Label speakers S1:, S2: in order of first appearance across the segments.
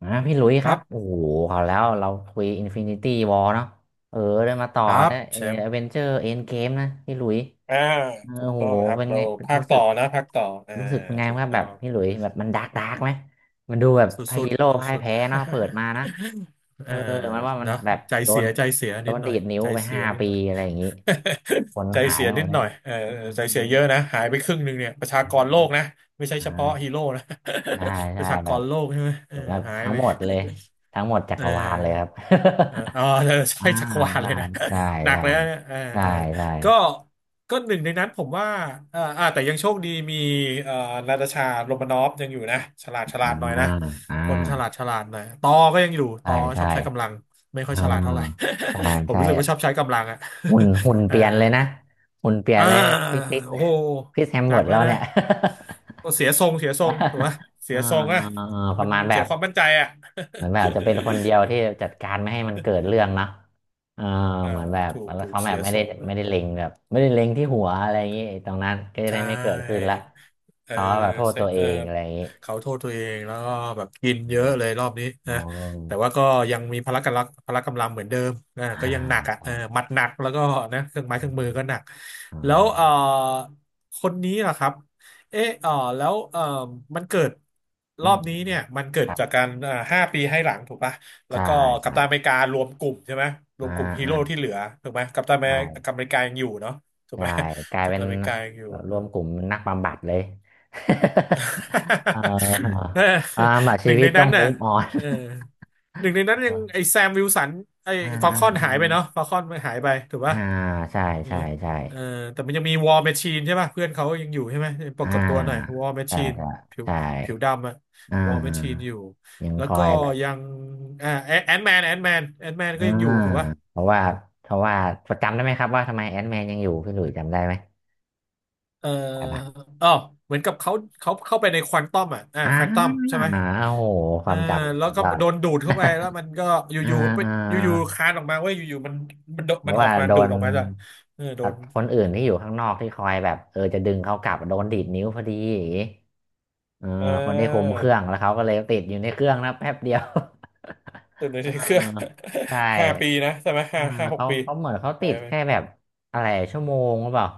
S1: อ่าพี่หลุยส์
S2: ค
S1: ครั
S2: รั
S1: บโอ้
S2: บ
S1: โหเขาแล้วเราคุยอินฟินิตี้ r อลเนาะเออได้มาต่อ
S2: ครับ
S1: นะเอ
S2: แชมป์
S1: เวนเจอร์เอ็นเกมนะ พี่หลุยส์
S2: อ่า
S1: เออ
S2: ถูก
S1: โห
S2: ต้องครับ
S1: เป็น
S2: เรา
S1: ไง
S2: ภาค
S1: รู้สึ
S2: ต่อ
S1: ก
S2: นะภาคต่อ
S1: รู้สึกเป็นไง
S2: ถูก
S1: ครับ
S2: ต้
S1: แบ
S2: อ
S1: บ
S2: ง
S1: พี่หลุยส์แบบมันดาร์กดาร์กไหม มันดูแบบ
S2: สุ
S1: พระฮี
S2: ด
S1: โร่
S2: ๆ
S1: พ่าย
S2: สุด
S1: แพ้เนาะเปิดมา
S2: ๆ
S1: นะ
S2: เอ
S1: เอ
S2: อ
S1: อ มันว่ามัน
S2: นะ
S1: แบบ
S2: ใจ
S1: โด
S2: เสี
S1: น
S2: ยใจเสียนิดห
S1: ดี
S2: น่อย
S1: ดนิ้ว
S2: ใจ
S1: ไป
S2: เสีย
S1: ห้า
S2: นิด
S1: ปี
S2: หน่อย
S1: อะไรอย่างนี้ คน
S2: ใจ
S1: หาย
S2: เสีย
S1: หม
S2: นิ
S1: ด
S2: ด
S1: เล
S2: ห
S1: ย
S2: น่อยเออ
S1: อืม
S2: ใจเสียเยอะนะหายไปครึ่งหนึ่งเนี่ยประชากรโลกนะไม่ใช่เฉพาะฮี
S1: อ่า
S2: โร่นะ
S1: ใช่
S2: ป
S1: ใช่
S2: ระชาก
S1: แบบ
S2: รโลกใช่ไหมเออหาย
S1: ทั้ง
S2: ไป
S1: หมดเลยทั้งหมดจั
S2: เอ
S1: ก
S2: อ
S1: รวาลเลยครับ
S2: เออ ออเออ
S1: อ่า
S2: ใช่จักรวาล
S1: ใช่
S2: เลยนะ
S1: ใช่
S2: หนั
S1: ใช่
S2: กเลยนะเนี่ยเออ
S1: ใช่
S2: เออ
S1: ใช่
S2: ก็ก็หนึ่งในนั้นผมว่าเออแต่ยังโชคดีมีเอ่อนาตาชาโรมานอฟยังอยู่นะฉลาดฉ
S1: อ
S2: ลาดหน่อย
S1: ่า
S2: นะ
S1: อ่า
S2: คนฉลาดฉลาดหน่อยตอก็ยังอยู่ต
S1: ใช่
S2: อช
S1: ใช่
S2: อบใช้กำลัง ไม่ค่อย
S1: อ่า
S2: ฉลาดเท่าไหร่
S1: ใช่
S2: ผม
S1: ใช่
S2: รู้สึกว่าชอบใช้กำลังอ่ะ
S1: หุ่น
S2: เอ
S1: เป
S2: อ
S1: ลี่ยนเลยนะหุ่นเปลี่ยน
S2: อ่า
S1: เลยพี่คริส
S2: โอ้โห
S1: คริสแฮม
S2: หนั
S1: เวิ
S2: ก
S1: ร์ด
S2: เล
S1: เรา
S2: ยนะ
S1: เนี่ย
S2: ก็เสียทรงเสียทรงถูกไหม เสี
S1: อ่า
S2: ยทรงอ่ะ
S1: อ่าอ่าป
S2: มั
S1: ระ
S2: น
S1: มาณแบ
S2: เสีย
S1: บ
S2: ความมั่นใจอ่ะ
S1: เหมือนแบบจะเป็นคนเดียวที่จัดการไม่ให้มันเกิดเรื่องเนาะเออ
S2: อ่า
S1: เหมือนแบบ
S2: ถูก
S1: แล้ว
S2: ถูก
S1: เขาแบ
S2: เสี
S1: บ
S2: ย
S1: ไม่
S2: ท
S1: ได้
S2: รงเลย
S1: ไม่ได้เล็งแบบไม่ได้เล็งที่หัวอะไรอย่างงี้ไอ้ตรงนั้นก็จะ
S2: ใช
S1: ได้ไม่เกิดขึ้น
S2: ่
S1: ละ
S2: เออ
S1: เขาก็แบบโทษ
S2: เซ
S1: ตัวเอ
S2: เออ
S1: งอะไรอย่างงี้
S2: เขาโทษตัวเองแล้วก็แบบกินเยอะเลยรอบนี้
S1: อ๋
S2: นะ
S1: อ
S2: แต่ว่าก็ยังมีพละกำลังพละกำลังเหมือนเดิมนะ
S1: อ่า
S2: ก็ยังหนักอ่ะเออ
S1: ใช่
S2: หมัดหนักแล้วก็นะเครื่องไม้เครื่องมือก็หนัก
S1: อ๋อ
S2: แล้วเออคนนี้ล่ะครับเออเออแล้วเออมันเกิด
S1: อื
S2: รอ
S1: ม
S2: บนี้
S1: อืม
S2: เนี่ยมันเกิ
S1: ค
S2: ด
S1: รับ
S2: จากการห้าปีให้หลังถูกปะแล้ว
S1: ใช่
S2: ก็กัป
S1: ใช่
S2: ตันอเมริการวมกลุ่มใช่ไหมร
S1: อ่า
S2: วมกลุ่มฮี
S1: อ่า
S2: โร่ที่เหลือถูกไหม
S1: ใช่
S2: กัปตันอเมริกายังอยู่เนาะถูกไห
S1: ใช่
S2: ม
S1: กลาย
S2: กัป
S1: เป็
S2: ตั
S1: น
S2: นอเมริกายังอยู่
S1: แบบรวมกลุ่มนักบำบัดเลย เออ
S2: เออ
S1: อ่าแบบ
S2: ห
S1: ชี
S2: นึ่ง
S1: วิ
S2: ใน
S1: ตต้อ
S2: นั้
S1: ง
S2: น
S1: มุ
S2: น่ะ
S1: มออน
S2: เออหนึ่งในนั้นยังไอแซมวิลสันไอ
S1: อ่า
S2: ฟอล
S1: อ่า
S2: คอน
S1: อ่า
S2: หายไปเนาะฟอลคอนมันหายไปถูก
S1: อ่า
S2: ปะ
S1: ใช่
S2: เออ
S1: ใช่ใช่
S2: เออแต่มันยังมีวอ r m แมชชีนใช่ป่ะเพื่อนเขายังอยู่ใช่ไหมปรา
S1: อ่า
S2: กฏตัวหน่อยวอ r m แมช
S1: ใช่
S2: ชีน
S1: ใช่
S2: ผิว
S1: ใช่
S2: ผิวดำอะ
S1: อ่
S2: วอ r m แมชชีน
S1: า
S2: อยู่
S1: ยัง
S2: แล้ว
S1: คอ
S2: ก็
S1: ยแบบ
S2: ยังแอนแมน
S1: อ่า
S2: ก็ยังอยู่ถูกปะ
S1: เพราะว่าเพราะว่าจำได้ไหมครับว่าทำไมแอนแมนยังอยู่พี่หลุยส์จำได้ไหม
S2: เอ่อ
S1: ได้ปะ
S2: อ๋อเหมือนกับเขาเข้าไปในควอนตัมอ่ะอ่า
S1: อ่
S2: ควอนตัม
S1: า
S2: ใช่
S1: โอ้
S2: ไหม
S1: โหค
S2: อ่า
S1: วามจำ
S2: แล้
S1: สุ
S2: ว
S1: ด
S2: ก็
S1: ยอด
S2: โดนดูดเข้าไปแล้วมันก็อ
S1: อ่า
S2: ยู่ๆไป
S1: อ่า
S2: อยู่ๆคานออกมาเว้ยอยู่ๆมันมันโด
S1: เพ
S2: มั
S1: ราะ
S2: นออ
S1: ว่า
S2: กมา
S1: โด
S2: ดูด
S1: น
S2: ออกมาด้ยเออโด
S1: อ่ะ
S2: น
S1: คนอื่นที่อยู่ข้างนอกที่คอยแบบเออจะดึงเขากลับโดนดีดนิ้วพอดีอย่างงี้เออ
S2: เอ
S1: คนที่คุม
S2: อ
S1: เครื่องแล้วเขาก็เลยติดอยู่ในเครื่องนะแป๊บเดียว
S2: ตื่นเล ย
S1: เออ
S2: เครื่อง
S1: ใช่
S2: ห้าปีนะใช่ไหม
S1: เออ
S2: ห้าหก
S1: เขา
S2: ปี
S1: เหมือนเขา
S2: หา
S1: ติ
S2: ย
S1: ดแค่
S2: ไป
S1: แบบอะไรชั่วโมงหรือเปล่า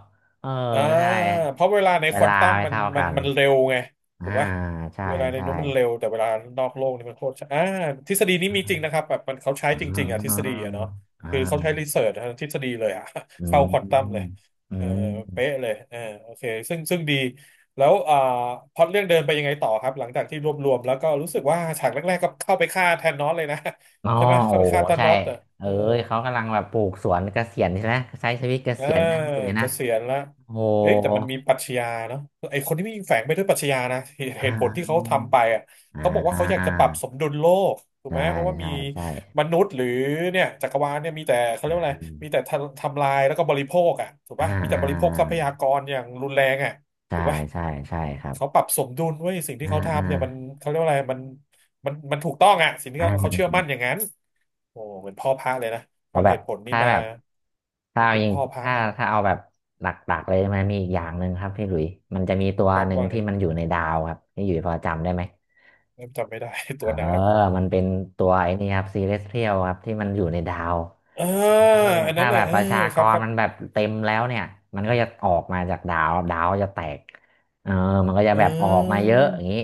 S1: เออ
S2: อ่า
S1: ใช่
S2: เพราะเวลาใน
S1: เว
S2: ควอ
S1: ลา
S2: นตัม
S1: ไม่เท่ากัน
S2: มันเร็วไง
S1: อ่า
S2: ถูกปะ
S1: ใช่
S2: เวลาใน
S1: ใช่
S2: นู้นมันเร็วแต่เวลานอกโลกนี่มันโคตรช้าอ่าทฤษฎีนี้ มีจริง
S1: อ่า
S2: นะครับแบบมันเขาใช้
S1: อ
S2: จริงๆอ่ะทฤษ
S1: ่า
S2: ฎีอ่ะเนาะคือเขา
S1: อา
S2: ใช้รีเสิร์ชทางทฤษฎีเลยอ่ะ
S1: อื
S2: เข้าควอนตัมเลย
S1: มอื
S2: เออเป๊ะ
S1: ม
S2: เลยเออโอเคซึ่งดีแล้วอ่าพล็อตเรื่องเดินไปยังไงต่อครับหลังจากที่รวบรวมแล้วก็รู้สึกว่าฉากแรกๆก็เข้าไปฆ่าแทนนอสเลยนะ
S1: อ๋อ
S2: ใช่ไหม
S1: โอ้
S2: เข้าไปฆ่าธา
S1: ใช่
S2: นอสอ่ะ
S1: เอ้
S2: เออ
S1: ยเขากำลังแบบปลูกสวนเกษียณใช่ไหมใช้ชีวิตเก
S2: อ่า
S1: ษียณนั่นอยู่เลย
S2: เก
S1: นะ
S2: ษียณละ
S1: โอ้
S2: เอ้ยแต่มันมีปรัชญาเนาะไอคนที่มีแฝงไปด้วยปรัชญานะเห
S1: อ่า
S2: ตุผลที่เขาทำไปอ่ะ
S1: อ่า
S2: เขาบอกว่า
S1: อ่
S2: เขาอยากจะปรับส
S1: า
S2: มดุลโลกถูก
S1: ใช่
S2: ไหมเพราะว่ามี
S1: ใช่ใช่
S2: มนุษย์หรือเนี่ยจักรวาลเนี่ยมีแต่เขาเรียกว่าอะไร
S1: อื
S2: มี
S1: ม
S2: แต่ทำลายแล้วก็บริโภคอ่ะถูกป่ะ
S1: อ่า
S2: มี
S1: อ่
S2: แต่บริโภคทรัพ
S1: า
S2: ยากรอย่างรุนแรงอ่ะ
S1: ใช่
S2: ถูกป่ะ
S1: ใช่ใช่ครับ
S2: เขาปรับสมดุลไว้ยสิ่งที่
S1: อ่า
S2: เขา
S1: อ่า
S2: ทำเนี่ยมันเขาเรียกว่าอะไรมันถูกต้องอ่ะสิ่งที่เขา
S1: อ่า
S2: เชื่อมั่นอย่างนั้นโอ้เหมือนพ่อพระเลยนะฟั
S1: เอา
S2: ง
S1: แบ
S2: เห
S1: บ
S2: ตุผลนี้
S1: ถ้า
S2: มา
S1: แบบถ้า
S2: มัน
S1: เอา
S2: เป็น
S1: ยิง
S2: พ่อพระ
S1: ถ้า
S2: เออ
S1: เอาแบบหลักๆเลยมันมีอีกอย่างหนึ่งครับพี่หลุยมันจะมีตัว
S2: ครับ
S1: หนึ่ง
S2: ว่าไง
S1: ที่มันอยู่ในดาวครับพี่หลุยพอจำได้ไหม
S2: เริ่มจำไม่ได้
S1: เอ
S2: ตั
S1: อ
S2: วไหนครับ
S1: มันเป็นตัวไอ้นี่ครับซีเ e สเทียลครับที่มันอยู่ในดาว เ
S2: อ่า
S1: ออ
S2: อันนั้
S1: ถ้า
S2: น
S1: แบ
S2: น่ะ
S1: บ
S2: เอ
S1: ป
S2: อ
S1: ระชาก
S2: ครับ
S1: ร
S2: ครับ
S1: มันแบบเต็มแล้วเนี่ยมันก็จะออกมาจากดาวดาวจะแตกเออมันก็จะ
S2: เ
S1: แบบออกมา
S2: ออ
S1: เยอะอย่างนี้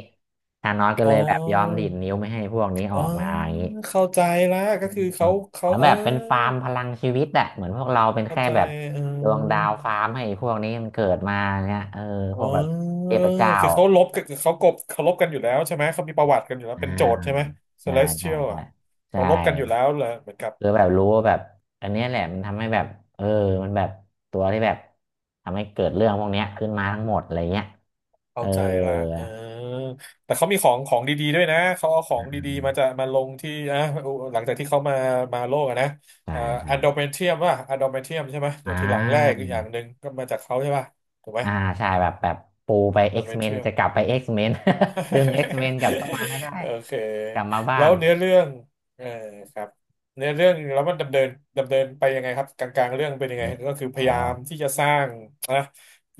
S1: ธานอสก็เล
S2: อ๋
S1: ยแบบยอมดี
S2: อ
S1: ดนิ้วไม่ให้พวกนี้อ
S2: อ๋อ
S1: อกมาอย่างนี้
S2: เข้าใจละก็คือ
S1: เออเห
S2: เขา
S1: มือน
S2: เอ
S1: แบ
S2: อ
S1: บเป็นฟาร์มพลังชีวิตอะเหมือนพวกเราเป็น
S2: เข้า
S1: แค่
S2: ใจ
S1: แบบ
S2: เอ
S1: ดวงดา
S2: อ
S1: วฟาร์มให้พวกนี้มันเกิดมาเนี่ยเออพ
S2: อ๋
S1: วกแบบ
S2: อ
S1: เทพเจ้า
S2: คือเขาลบกับเขากบเขาลบกันอยู่แล้วใช่ไหมเขามีประวัติกันอยู่แล้ว
S1: อ่
S2: เป็นโจทย์ใช่ไหม
S1: าใช่ใช่
S2: Celestial
S1: ใช่
S2: อ่ะ
S1: ใช่
S2: เขาลบกันอยู่แล้วเหรอเหมือนกับ
S1: คือแบบรู้ว่าแบบอันเนี้ยแหละมันทำให้แบบเออมันแบบตัวที่แบบทำให้เกิดเรื่องพวกเนี้ยขึ้นมาทั้งหมดอะไรเงี้ยเอ
S2: เข้าใจละ
S1: อ
S2: เออแต่เขามีของของดีๆด้วยนะเขาเอาขอ
S1: อื
S2: งดีๆมาจะ
S1: ม
S2: มาลงที่อ่ะ หลังจากที่เขามามาโลกอะนะ
S1: ๆๆใช่
S2: เอ่อ
S1: ใช่
S2: แอนโดเมเทียมใช่ไหมเดี๋
S1: อ่
S2: ยวทีหลังแรก
S1: า
S2: อกอย่างหนึ่งก็มาจากเขาใช่ป่ะถูกไหม
S1: อ่าใช่แบบปูไป
S2: แอนโดเม
S1: X-Men
S2: เทียม
S1: จะกลับไป X-Men ดึง X-Men กลับเข้ามาให้ได้
S2: โอเค
S1: กลับมาบ้า
S2: แล้ว
S1: น
S2: เนื้อเรื่องเออครับเนื้อเรื่องแล้วมันดำเนินไปยังไงครับกลางๆเรื่องเป็นยังไง
S1: นี่
S2: ก็คือพ
S1: อ๋อ
S2: ยายามที่จะสร้างนะ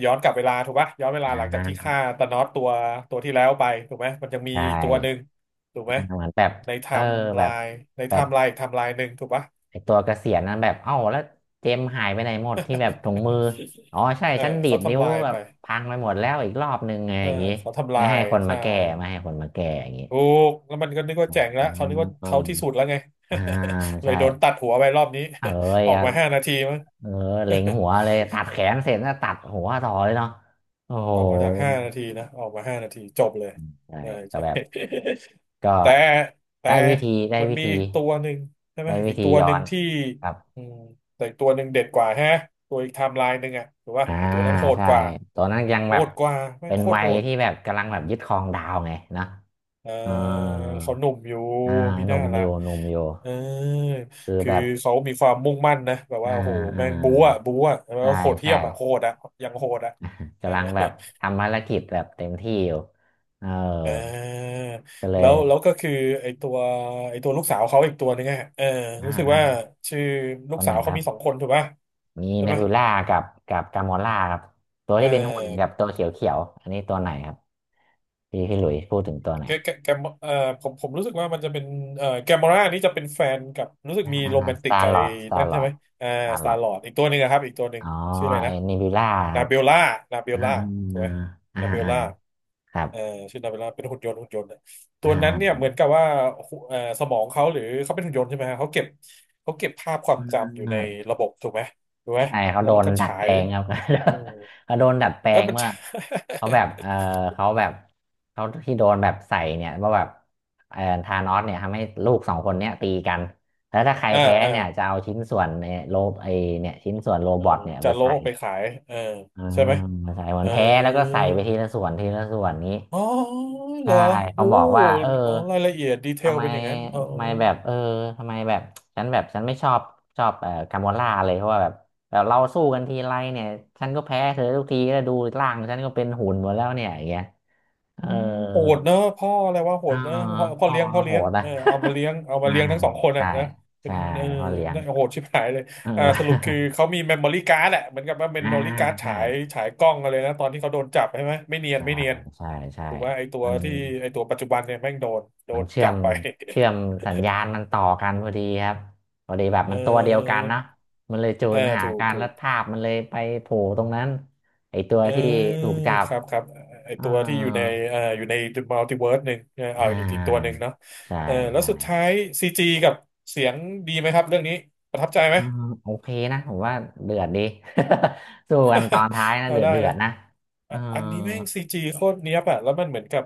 S2: ย้อนกลับเวลาถูกปะย้อนเว
S1: อ่
S2: ลาหลังจากที่
S1: า
S2: ฆ่าตานอสตัวที่แล้วไปถูกไหมมันยังมี
S1: ใช่
S2: อีกตัวหนึ่งถูกไหม
S1: อ่าเหมือนแบบ
S2: ในไท
S1: เออ
S2: ม์ไล
S1: แบบ
S2: ใน
S1: แบ
S2: ไท
S1: บ
S2: ม์ไลน์หนึ่งถูกปะ
S1: ไอตัวเกษียณนั้นแบบเอ้าแล้วเจมส์หายไปไหนหมดที่แบบถุงมือ อ๋อใช่
S2: เออ
S1: ฉันดี
S2: เขา
S1: ดนิ้ว
S2: ทำลาย
S1: แบ
S2: ไป
S1: บพังไปหมดแล้วอีกรอบนึงไง
S2: เอ
S1: อ
S2: อ
S1: ย่างงี้
S2: เขาทำลา
S1: ไม่ให้
S2: ย
S1: คนมา
S2: ใช่
S1: แก้ไม่ให้คนมาแก้อย่างงี้
S2: ถูกแล้วมันก็นึกว่า
S1: อ๋
S2: แจ๋งแล้วเขานึก
S1: อ
S2: ว่าเขาที่สุดแล้วไง
S1: อ่า
S2: เล
S1: ใช่
S2: ยโดนตัดหัวไปรอบนี้
S1: เอ้ย
S2: ออก
S1: อ่ะ
S2: มา5 นาทีมั้ง
S1: เออเล็งหัวเลยตัดแขนเสร็จแล้วตัดหัวต่อเลยเนาะโอ้โห
S2: ออกมาจาก5 นาทีนะออกมาห้านาทีจบเลย
S1: ใช่
S2: ใช่
S1: ก็
S2: ใช่
S1: แบบก็
S2: แต่แต่
S1: ได้วิธีได้
S2: มัน
S1: วิ
S2: มี
S1: ธี
S2: อีกตัวหนึ่งใช่ไหมอีกตัว
S1: ย้
S2: ห
S1: อ
S2: นึ่ง
S1: น
S2: ที่
S1: ครับ
S2: อืมแต่อีกตัวหนึ่งเด็ดกว่าฮะตัวอีกไทม์ไลน์หนึ่งอะถูกป่ะ
S1: อ่า
S2: ไอตัวนั้นโหด
S1: ใช่
S2: กว่า
S1: ตัวนั้นยัง
S2: โห
S1: แบบ
S2: ดกว่าไม่ง
S1: เป็น
S2: โคตร
S1: วั
S2: โห
S1: ย
S2: ด
S1: ที่แบบกำลังแบบยึดครองดาวไงเนอะ
S2: เออ
S1: เออ
S2: เขาหนุ่มอยู่
S1: อ่า
S2: มี
S1: ห
S2: ห
S1: นุ่
S2: น้า
S1: มอ
S2: ละ
S1: ยู่หนุ่มอยู่
S2: เออ
S1: คือ
S2: คื
S1: แบ
S2: อ
S1: บ
S2: เขามีความมุ่งมั่นนะแบบ
S1: อ่า
S2: ว่าโอ้โห
S1: อ่า
S2: แม่งบู๊อะบู๊อะแล้ว
S1: ใช่
S2: ก็โหดเหี้
S1: ใช่
S2: ยมอะโหดอะยังโหดอะเออ
S1: กำลังแบบทำภารกิจแบบเต็มที่อยู่เออ
S2: เออ
S1: ก็เล
S2: แล้
S1: ย
S2: วแล้วก็คือไอตัวไอตัวลูกสาวเขาอีกตัวนึงอะเออ
S1: อ่า
S2: รู้สึก
S1: อ่า
S2: ว่าชื่อลู
S1: ค
S2: ก
S1: นไห
S2: สา
S1: น
S2: ว
S1: ค
S2: เขา
S1: รับ
S2: มีสองคนถูกป่ะ
S1: มี
S2: ใช่
S1: เน
S2: ไหม
S1: บิวล่ากับกามอล่าครับตัว
S2: เอ
S1: ที่เป็นหุ่นกั
S2: อ
S1: บตัวเขียวๆอันนี้ตัวไหนครับพี่หลุยส์พูดถึงตัวไหน
S2: แกมผมรู้สึกว่ามันจะเป็นแกมอรานี่จะเป็นแฟนกับรู้สึกมีโร
S1: อ่า
S2: แมน
S1: ส
S2: ติก
S1: ตา
S2: กั
S1: ร์
S2: บ
S1: ล
S2: ไอ้
S1: อร์ดสตา
S2: นั่น
S1: ร์ล
S2: ใช่
S1: อร์
S2: ไหม
S1: ด
S2: อ่า
S1: สตาร์
S2: ส
S1: ล
S2: ตา
S1: อ
S2: ร์ลอร์ดอีกตัวหนึ่งนะครับ อีกตัวหนึ่
S1: อ๋
S2: ง
S1: อ
S2: ชื่ออะไร
S1: ไอ้
S2: นะ
S1: เนบิวล่าค
S2: นา
S1: รับ
S2: เบลล่านาเบล
S1: อ่า
S2: ล่าถู
S1: อ
S2: กไหม
S1: ่า
S2: นาเบล
S1: อ่า
S2: ล่า
S1: ครับ
S2: เอ่อชื่อนาเบล่าเป็นหุ่นยนต์หุ่นยนต์เนะตั
S1: อ่า
S2: วนั้นเนี่ยเหมือนกับว่าหุเอ่อสมองเขาหรือเขาเป็นหุ่นยนต์ใช่ไหมฮะเขาเก็บเขาเก็บภาพความจำอยู่ใน
S1: อ่า
S2: ระบบถูกไหมถูกไหม
S1: ใช่เขา
S2: แล้
S1: โด
S2: วมัน
S1: น
S2: ก็
S1: ดัด
S2: ฉา
S1: แป
S2: ย
S1: ลงครับ
S2: อืม
S1: เขาโดนดัดแปล
S2: เออ
S1: ง
S2: มัน
S1: เมื่อ
S2: ฉา
S1: เขา
S2: ย
S1: แบบเออเขาแบบเขาที่โดนแบบใส่เนี่ยว่าแบบเออธานอสเนี่ยทำให้ลูก2 คนเนี่ยตีกันแล้วถ้าใคร
S2: อ่า
S1: แพ้
S2: อ่า
S1: เนี่ยจะเอาชิ้นส่วนในโรบไอเนี่ยชิ้นส่วนโร
S2: เออ
S1: บอทเนี่ยไป
S2: จะโละ
S1: ใส่
S2: ออกไปขายเออ
S1: อื
S2: ใช่
S1: ม
S2: ไหม
S1: ใส่เหมือ
S2: เอ
S1: น
S2: อ
S1: แพ้แล้วก็ใส่ไปทีละส่วนทีละส่วนนี้
S2: อ๋อเหร
S1: ใช่
S2: อโอ้
S1: เขาบอกว่า
S2: อ๋อรายละเอียดดีเท
S1: ทำ
S2: ล
S1: ไม
S2: เป็นอย่างนั้นเออ
S1: ทำไมแบบเออทำไมแบบฉันไม่ชอบชอบกาโมล่าเลยเพราะว่าแบบเราสู้กันทีไรเนี่ยฉันก็แพ้เธอทุกทีแล้วดูร่างฉันก็เป็นหุ่นหมดแล้วเนี่ยอย่างเงี้ยเอ
S2: อื
S1: อ
S2: มโหดเนอะพ่ออะไรว่าโห
S1: อ๋อ
S2: ดเนอะพ่อพ่อ
S1: พ่อ
S2: เลี้ยงพ่อ
S1: โห
S2: เลี้ยง
S1: ดนะ
S2: เออเอามาเลี้ยงเอา มา
S1: อา
S2: เลี้ยงทั้ง
S1: ว
S2: สองคนอะ
S1: ใช่
S2: นะเป็
S1: ใช่
S2: นเออ
S1: พ่อเลี้ยง
S2: น่าโหดชิบหายเลย
S1: เอ
S2: อ่าสรุปคือ
S1: อ
S2: เขามีเมมโมรี่การ์ดอะเหมือนกับว่าเม ม
S1: อ่า
S2: โมรี่การ์ด
S1: ใช่
S2: ฉายฉายกล้องอะไรนะตอนที่เขาโดนจับใช่ไหมไม่เนียน
S1: ใช่
S2: ไม่เนียน
S1: ใช่ใช่
S2: ถือว่าไอตัว
S1: มัน
S2: ที่ไอตัวปัจจุบันเนี่ยแม่งโดนโด
S1: มัน
S2: น
S1: เชื่อ
S2: จับ
S1: ม
S2: ไป
S1: เชื่อมสัญญาณมันต่อกันพอดีครับพอดีแบบ มันตัวเดียวกัน
S2: เออ
S1: เนอะมันเลยจู
S2: เออ
S1: นหา
S2: ถูก
S1: การ
S2: ถู
S1: แล้ว
S2: ก
S1: ทาบมันเลยไปโผล่ตรงนั้นไอตัว
S2: เออ
S1: ที่ถูกจับ
S2: ครับครับไอ
S1: อ่า
S2: ตัวที่อยู่ในอยู่ในมัลติเวิร์สหนึ่งเออเอา
S1: อ่
S2: อีกตัวห
S1: า
S2: นึ่งเนาะ
S1: ใช่
S2: เออแล้ว
S1: ใช่
S2: สุดท้ายซีจีกับเสียงดีไหมครับเรื่องนี้ประทับใจไหม
S1: อ่าโอเคนะผมว่าเดือดดี สู้กันตอนท้าย นะ
S2: เรา
S1: เดือด
S2: ได้
S1: เดือ
S2: นะ
S1: ดนะเอ่า
S2: อ่ะอันนี้แม่งซีจีโคตรเนี้ยบอะแล้วมันเหมือนกับ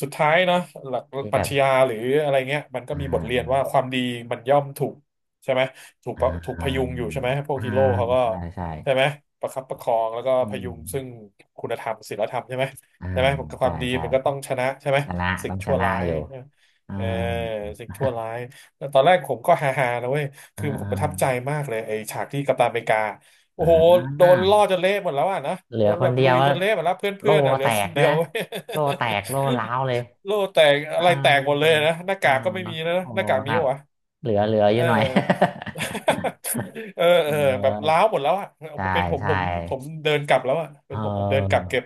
S2: สุดท้ายเนาะหลัก
S1: ที่
S2: ป
S1: แบ
S2: รั
S1: บ
S2: ชญาหรืออะไรเงี้ยมันก็
S1: อ่
S2: มีบทเรียน
S1: า
S2: ว่าความดีมันย่อมถูกใช่ไหมถูก
S1: อ่
S2: ปะถูกพยุง
S1: า
S2: อยู่ใช่ไหมพวก
S1: อ่า
S2: ฮีโร่เขาก็
S1: ใช่ใช่
S2: ใช่ไหมประคับประคองแล้วก็
S1: อื
S2: พยุ
S1: ม
S2: งซึ่งคุณธรรมศีลธรรมใช่ไหม
S1: อ่า
S2: ใช่ไหมผมค
S1: ใช่
S2: วามดี
S1: ใช่
S2: มันก็ต้องชนะใช่ไหม
S1: ชนะ
S2: สิ่
S1: ต้
S2: ง
S1: องช
S2: ชั่ว
S1: นะ
S2: ร้าย
S1: อยู่เออ
S2: เออสิ่งชั่วร้ายแต่ตอนแรกผมก็ฮาๆนะเว้ย
S1: เอ อ
S2: คือผ
S1: เอ
S2: ม
S1: อ
S2: ประทับใจมากเลยไอ้ฉากที่กัปตันอเมริกา
S1: อ
S2: โอ้โหโดนล่อ
S1: ่า
S2: จนเละหมดแล้วอ่ะนะ
S1: เหลื
S2: โด
S1: อ
S2: น
S1: ค
S2: แบ
S1: น
S2: บ
S1: เดีย
S2: ลุ
S1: ว
S2: ย
S1: ก็
S2: จนเละหมดแล้วเพ
S1: โล่
S2: ื่อนๆอ่ะเหลื
S1: แต
S2: อค
S1: ก
S2: น
S1: ด้
S2: เดี
S1: วย
S2: ยว
S1: นะโล่ แตกโล่ร้าวเลย
S2: โล่แตก
S1: เอ
S2: อะ
S1: อ
S2: ไรแตกหมดเลยนะหน้า
S1: เออ
S2: กากก็ไม่มีแล้วนะ
S1: โอ้
S2: หน้ากาก
S1: ค
S2: มี
S1: รับ
S2: วะ
S1: เหลือเหลืออ
S2: เอ
S1: ยู่
S2: อ
S1: หน่อย
S2: เออเอ อแบบ
S1: เออ
S2: ล้าวหมดแล้วอ่ะ
S1: ใช่
S2: เป็นผม
S1: ใช่
S2: ผมผมเดินกลับแล้วอ่ะเป็
S1: เอ
S2: นผมเดินกลับ
S1: อ
S2: เก็บ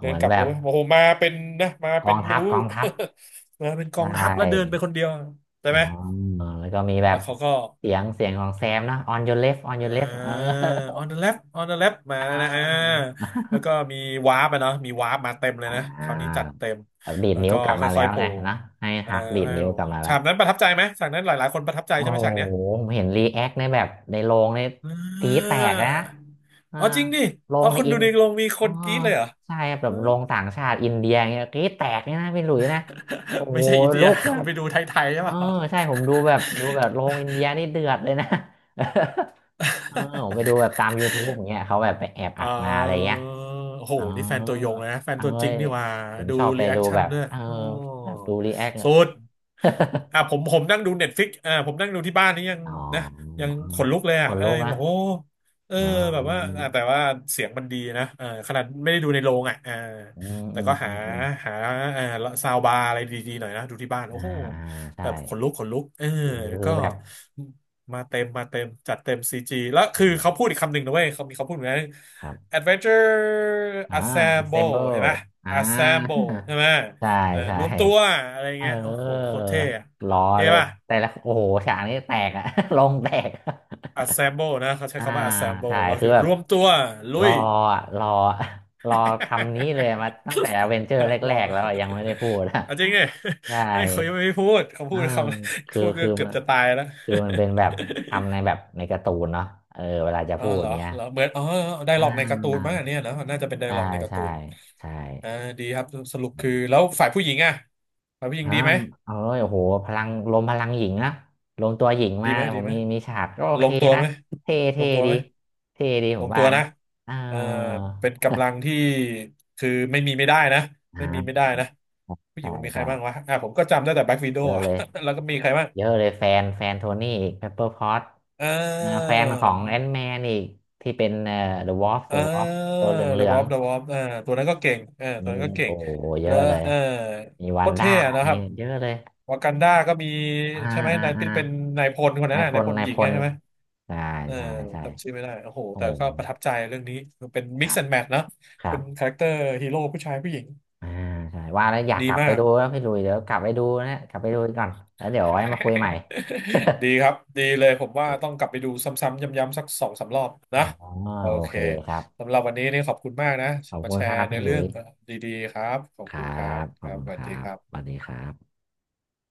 S2: เดิ
S1: หมื
S2: น
S1: อน
S2: กลับ
S1: แบ
S2: แล้ว
S1: บ
S2: เว้ยโอ้โหมาเป็นนะมา
S1: ก
S2: เป็
S1: อ
S2: น
S1: ง
S2: ไม่
S1: ทัพ
S2: รู้
S1: กองทัพ
S2: มาเป็นก
S1: ใช
S2: องทัพแล้วเดิน
S1: ่
S2: ไปคนเดียวใช่
S1: อ๋อ
S2: ไหม
S1: แล้วก็มีแบ
S2: แล้
S1: บ
S2: วเขาก็
S1: เสียงเสียงของแซมนะ on your left on your
S2: อ่
S1: left เออ
S2: า on the left on the left มา
S1: อ่
S2: แล้วนะอ่า
S1: า
S2: แล้วก็มีวาร์ปอะเนาะมีวาร์ปมาเต็มเล
S1: อ่
S2: ยนะ
S1: า
S2: คราวนี้จัดเต็ม
S1: แบบดีด
S2: แล้ว
S1: นิ้ว
S2: ก็
S1: กลับมาแล้
S2: ค่อย
S1: ว
S2: ๆโผล่
S1: ไงนะให้
S2: เอ่อ
S1: ฮักดีด
S2: ให้
S1: นิ้ว
S2: โผล่
S1: กลับมาแล้ว
S2: ฉากนั้นประทับใจไหมฉากนั้นหลายๆคนประทับใจ
S1: โอ้
S2: ใช่ไหม
S1: โห
S2: ฉากเนี้ย
S1: ผมเห็นรีแอคในแบบในโรงใน
S2: อ่
S1: ตีแตกนะ
S2: า
S1: อ่า
S2: เอาจริงดิ
S1: โรง
S2: เอา
S1: ใน
S2: คน
S1: อิ
S2: ดู
S1: น
S2: ในโรงมีค
S1: อ๋อ
S2: นกรี๊ดเลยเหรอ
S1: ใช่ครับแบ
S2: เอ
S1: บ
S2: อ
S1: โรงต่างชาติอินเดียเงี้ยตีแตกเนี่ยนะพี่หลุยนะโอ้โห
S2: ไม่ใช่อินเดี
S1: ลุ
S2: ย
S1: กแบ
S2: คุณ
S1: บ
S2: ไปดูไทยๆ
S1: เอ
S2: ใช่
S1: อ
S2: เปล่า
S1: ใช่ผมดูแบบดูแบบโรงอินเดียนี่เดือดเลยนะ เออผมไปดูแบบตาม YouTube อย่าง เงี้ยเขาแบบไปแอบ
S2: เ
S1: อัดมาอะไร
S2: ออ
S1: เงี้ย
S2: โห
S1: อ๋อ
S2: นี่แฟนตัวยงเลยนะแฟน
S1: เอ้
S2: ตัวจริง
S1: ย
S2: นี่หว่า
S1: ผม
S2: ดู
S1: ชอบไป
S2: รีแอ
S1: ดู
S2: คชั่
S1: แบ
S2: น
S1: บ
S2: ด้วยโอ้
S1: แบบดูรีแอค
S2: สุด
S1: อ
S2: อ่ะผมนั่งดูเน็ตฟิกอ่าผมนั่งดูที่บ้านนี่ยัง
S1: ๋อ
S2: นะยังขนลุกเลย
S1: ค
S2: อ่ะ
S1: น
S2: เออ
S1: ลุก
S2: ยัง
S1: นะ
S2: บอกโอ้เออ
S1: อ๋อ
S2: แบบว่าอ่ะแต่ว่าเสียงมันดีนะเออขนาดไม่ได้ดูในโรงอ่ะเออ
S1: อืม
S2: แต่
S1: อืม
S2: ก็
S1: อื
S2: หา
S1: มอืม
S2: หาเออซาวบาร์อะไรดีๆหน่อยนะดูที่บ้าน
S1: อ่า
S2: โอ้โห
S1: อ่าใช่
S2: แบบขนลุกขนลุกเออ
S1: คือคือ
S2: ก็
S1: แบบ
S2: มาเต็มมาเต็มจัดเต็มซีจีแล้วคือ
S1: อ่า
S2: เขาพูดอีกคำหนึ่งนะเว้ยเขามีเขาพูดเหมือนกัน
S1: ครับ
S2: Adventure
S1: อ่า
S2: Assemble
S1: assemble
S2: เห็นปะ
S1: อ่า
S2: Assemble ใช่ไหม
S1: ใช่ใช่
S2: รวมตัวอะไร
S1: เ
S2: เงี้ยโอ้โหโค
S1: ออ
S2: ตรเท่อะ
S1: รอ
S2: เท่
S1: เลย
S2: ปะ
S1: แต่ละโอ้โหฉากนี้แตกอะ ลงแตก
S2: Assemble นะเขาใช้
S1: อ่า
S2: คำว่า
S1: ใช่
S2: Assemble ก็
S1: คือ
S2: คือ
S1: แบ
S2: ร
S1: บ
S2: วมตัวลุ
S1: รอ
S2: ย
S1: อะรอ รอคำนี้เลยมาตั้งแต่อเวนเจอร์แร
S2: หรอ
S1: กๆแล้วอะยังไม่ได้พูดอะ
S2: เอาจริง เนี่ย
S1: ใช่
S2: ไอ้ยเขายังไม่พูดเขา
S1: เอ
S2: พู
S1: อ
S2: ด คำ
S1: คือ
S2: พูดก็
S1: คือ
S2: เกือ
S1: มั
S2: บ
S1: น
S2: จะตายแล้ว
S1: คือมันเป็น แบบคำในแบบในการ์ตูนเนาะเออเวลาจะ
S2: อ๋อ
S1: พูด
S2: เหรอ
S1: เนี้ย
S2: เหรอเหมือนอ๋อได
S1: อ่
S2: ร็อกในการ์ตูน
S1: า
S2: มั้งอันเนี่ยนะน่าจะเป็นได
S1: ใช่
S2: ร็อกในการ์
S1: ใช่
S2: ตูน
S1: ใช่
S2: อ่าดีครับสรุป
S1: อื
S2: คือ
S1: ม
S2: แล้วฝ่ายผู้หญิงอ่ะฝ่ายผู้หญิง
S1: อา
S2: ดีไหม
S1: วเอาเลยโอ้โหพลังลมพลังหญิงนะลมตัวหญิง
S2: ดี
S1: มา
S2: ไหม
S1: ผ
S2: ดี
S1: ม
S2: ไหม
S1: มีมีฉากก็โอ
S2: ล
S1: เค
S2: งตัว
S1: นะ
S2: ไหม
S1: เท่
S2: ล
S1: เท่
S2: งตัว
S1: ดี
S2: ไหม
S1: เท่ดีผ
S2: ล
S1: ม
S2: งตั
S1: ว่า
S2: ว
S1: นะ
S2: นะ
S1: เออ
S2: เออเป็นกำลังที่คือไม่มีไม่ได้นะไม่มีไม่
S1: อ่า
S2: ได้นะผู้หญิ
S1: ใช่
S2: งมันมีใค
S1: ใช่
S2: รบ้างวะอ่ะผมก็จำได้แต่แบ็ k ว i ด o
S1: เย
S2: w
S1: อะ
S2: อ่ะ
S1: เลย
S2: แล้วก็มีใครบ้าง
S1: เยอะเลยแฟนโทนี่อีกเพปเปอร์พอต
S2: อ่
S1: อ่าแฟ
S2: า
S1: นของแอนแมนอีกที่เป็นเดอะวอล์ฟ
S2: อ
S1: เดอะวอล์ฟ
S2: ่า
S1: ตัวเหล
S2: เด
S1: ื
S2: อะ
S1: อ
S2: วอ
S1: ง
S2: ลเดอะวออ่าตัวนั้นก็เก่งเออ
S1: ๆ
S2: ตัว
S1: นี่
S2: นั้นก็เก่
S1: โอ้
S2: ง
S1: โหเย
S2: แล้ว
S1: อะเลย
S2: เออ
S1: มี
S2: โค
S1: วัน
S2: ตร
S1: ด้า
S2: เท่อะนะค
S1: มี
S2: รับ
S1: เยอะเลย
S2: วากันดาก็มี
S1: อ่า
S2: ใช่ไหม
S1: อ่า
S2: นาย
S1: อ่า
S2: เป็นนายพลคนนั้
S1: นา
S2: น
S1: ย
S2: น่ะ
S1: พ
S2: นาย
S1: ล
S2: พล
S1: นาย
S2: หญิ
S1: พ
S2: งไง
S1: ล
S2: ใช่ไหม
S1: ใช่
S2: เออ
S1: ใช่ใช่
S2: จำชื่อไม่ได้โอ้โห
S1: โอ้
S2: แต่
S1: โห
S2: ก็ประทับใจเรื่องนี้คือเป็น
S1: ค
S2: mix
S1: รับ
S2: and match นะ
S1: ครั
S2: เป็น
S1: บ
S2: คาแรคเตอร์ฮีโร่ผู้ชายผู้หญิง
S1: อ่าใช่ว่าแล้วอยาก
S2: ดี
S1: กลับไป
S2: มาก
S1: ดูแล้วพี่ลุยเดี๋ยวกลับไปดูนะกลับไปดูก่อนแล้วเดี๋ยวไว้มาคุยใหม่
S2: ดีครับดีเลยผมว่าต้องกลับไปดูซ้ำๆย้ำๆสักสองสามรอบนะ
S1: อ๋อ
S2: โอ
S1: โอ
S2: เค
S1: เคครับ
S2: สำหรับวันนี้นี่ขอบคุณมากนะ
S1: ขอบ
S2: มา
S1: คุ
S2: แช
S1: ณครั
S2: ร์
S1: บ
S2: ใน
S1: พี่หลุ
S2: เรื่อ
S1: ย
S2: ง
S1: ส์
S2: ดีๆครับขอ
S1: ค
S2: บ
S1: รั
S2: คุณครับ
S1: บข
S2: ค
S1: อบ
S2: รับ
S1: คุ
S2: ส
S1: ณค
S2: วัส
S1: รั
S2: ดีค
S1: บ
S2: รั
S1: ส
S2: บ
S1: วัสดีครับ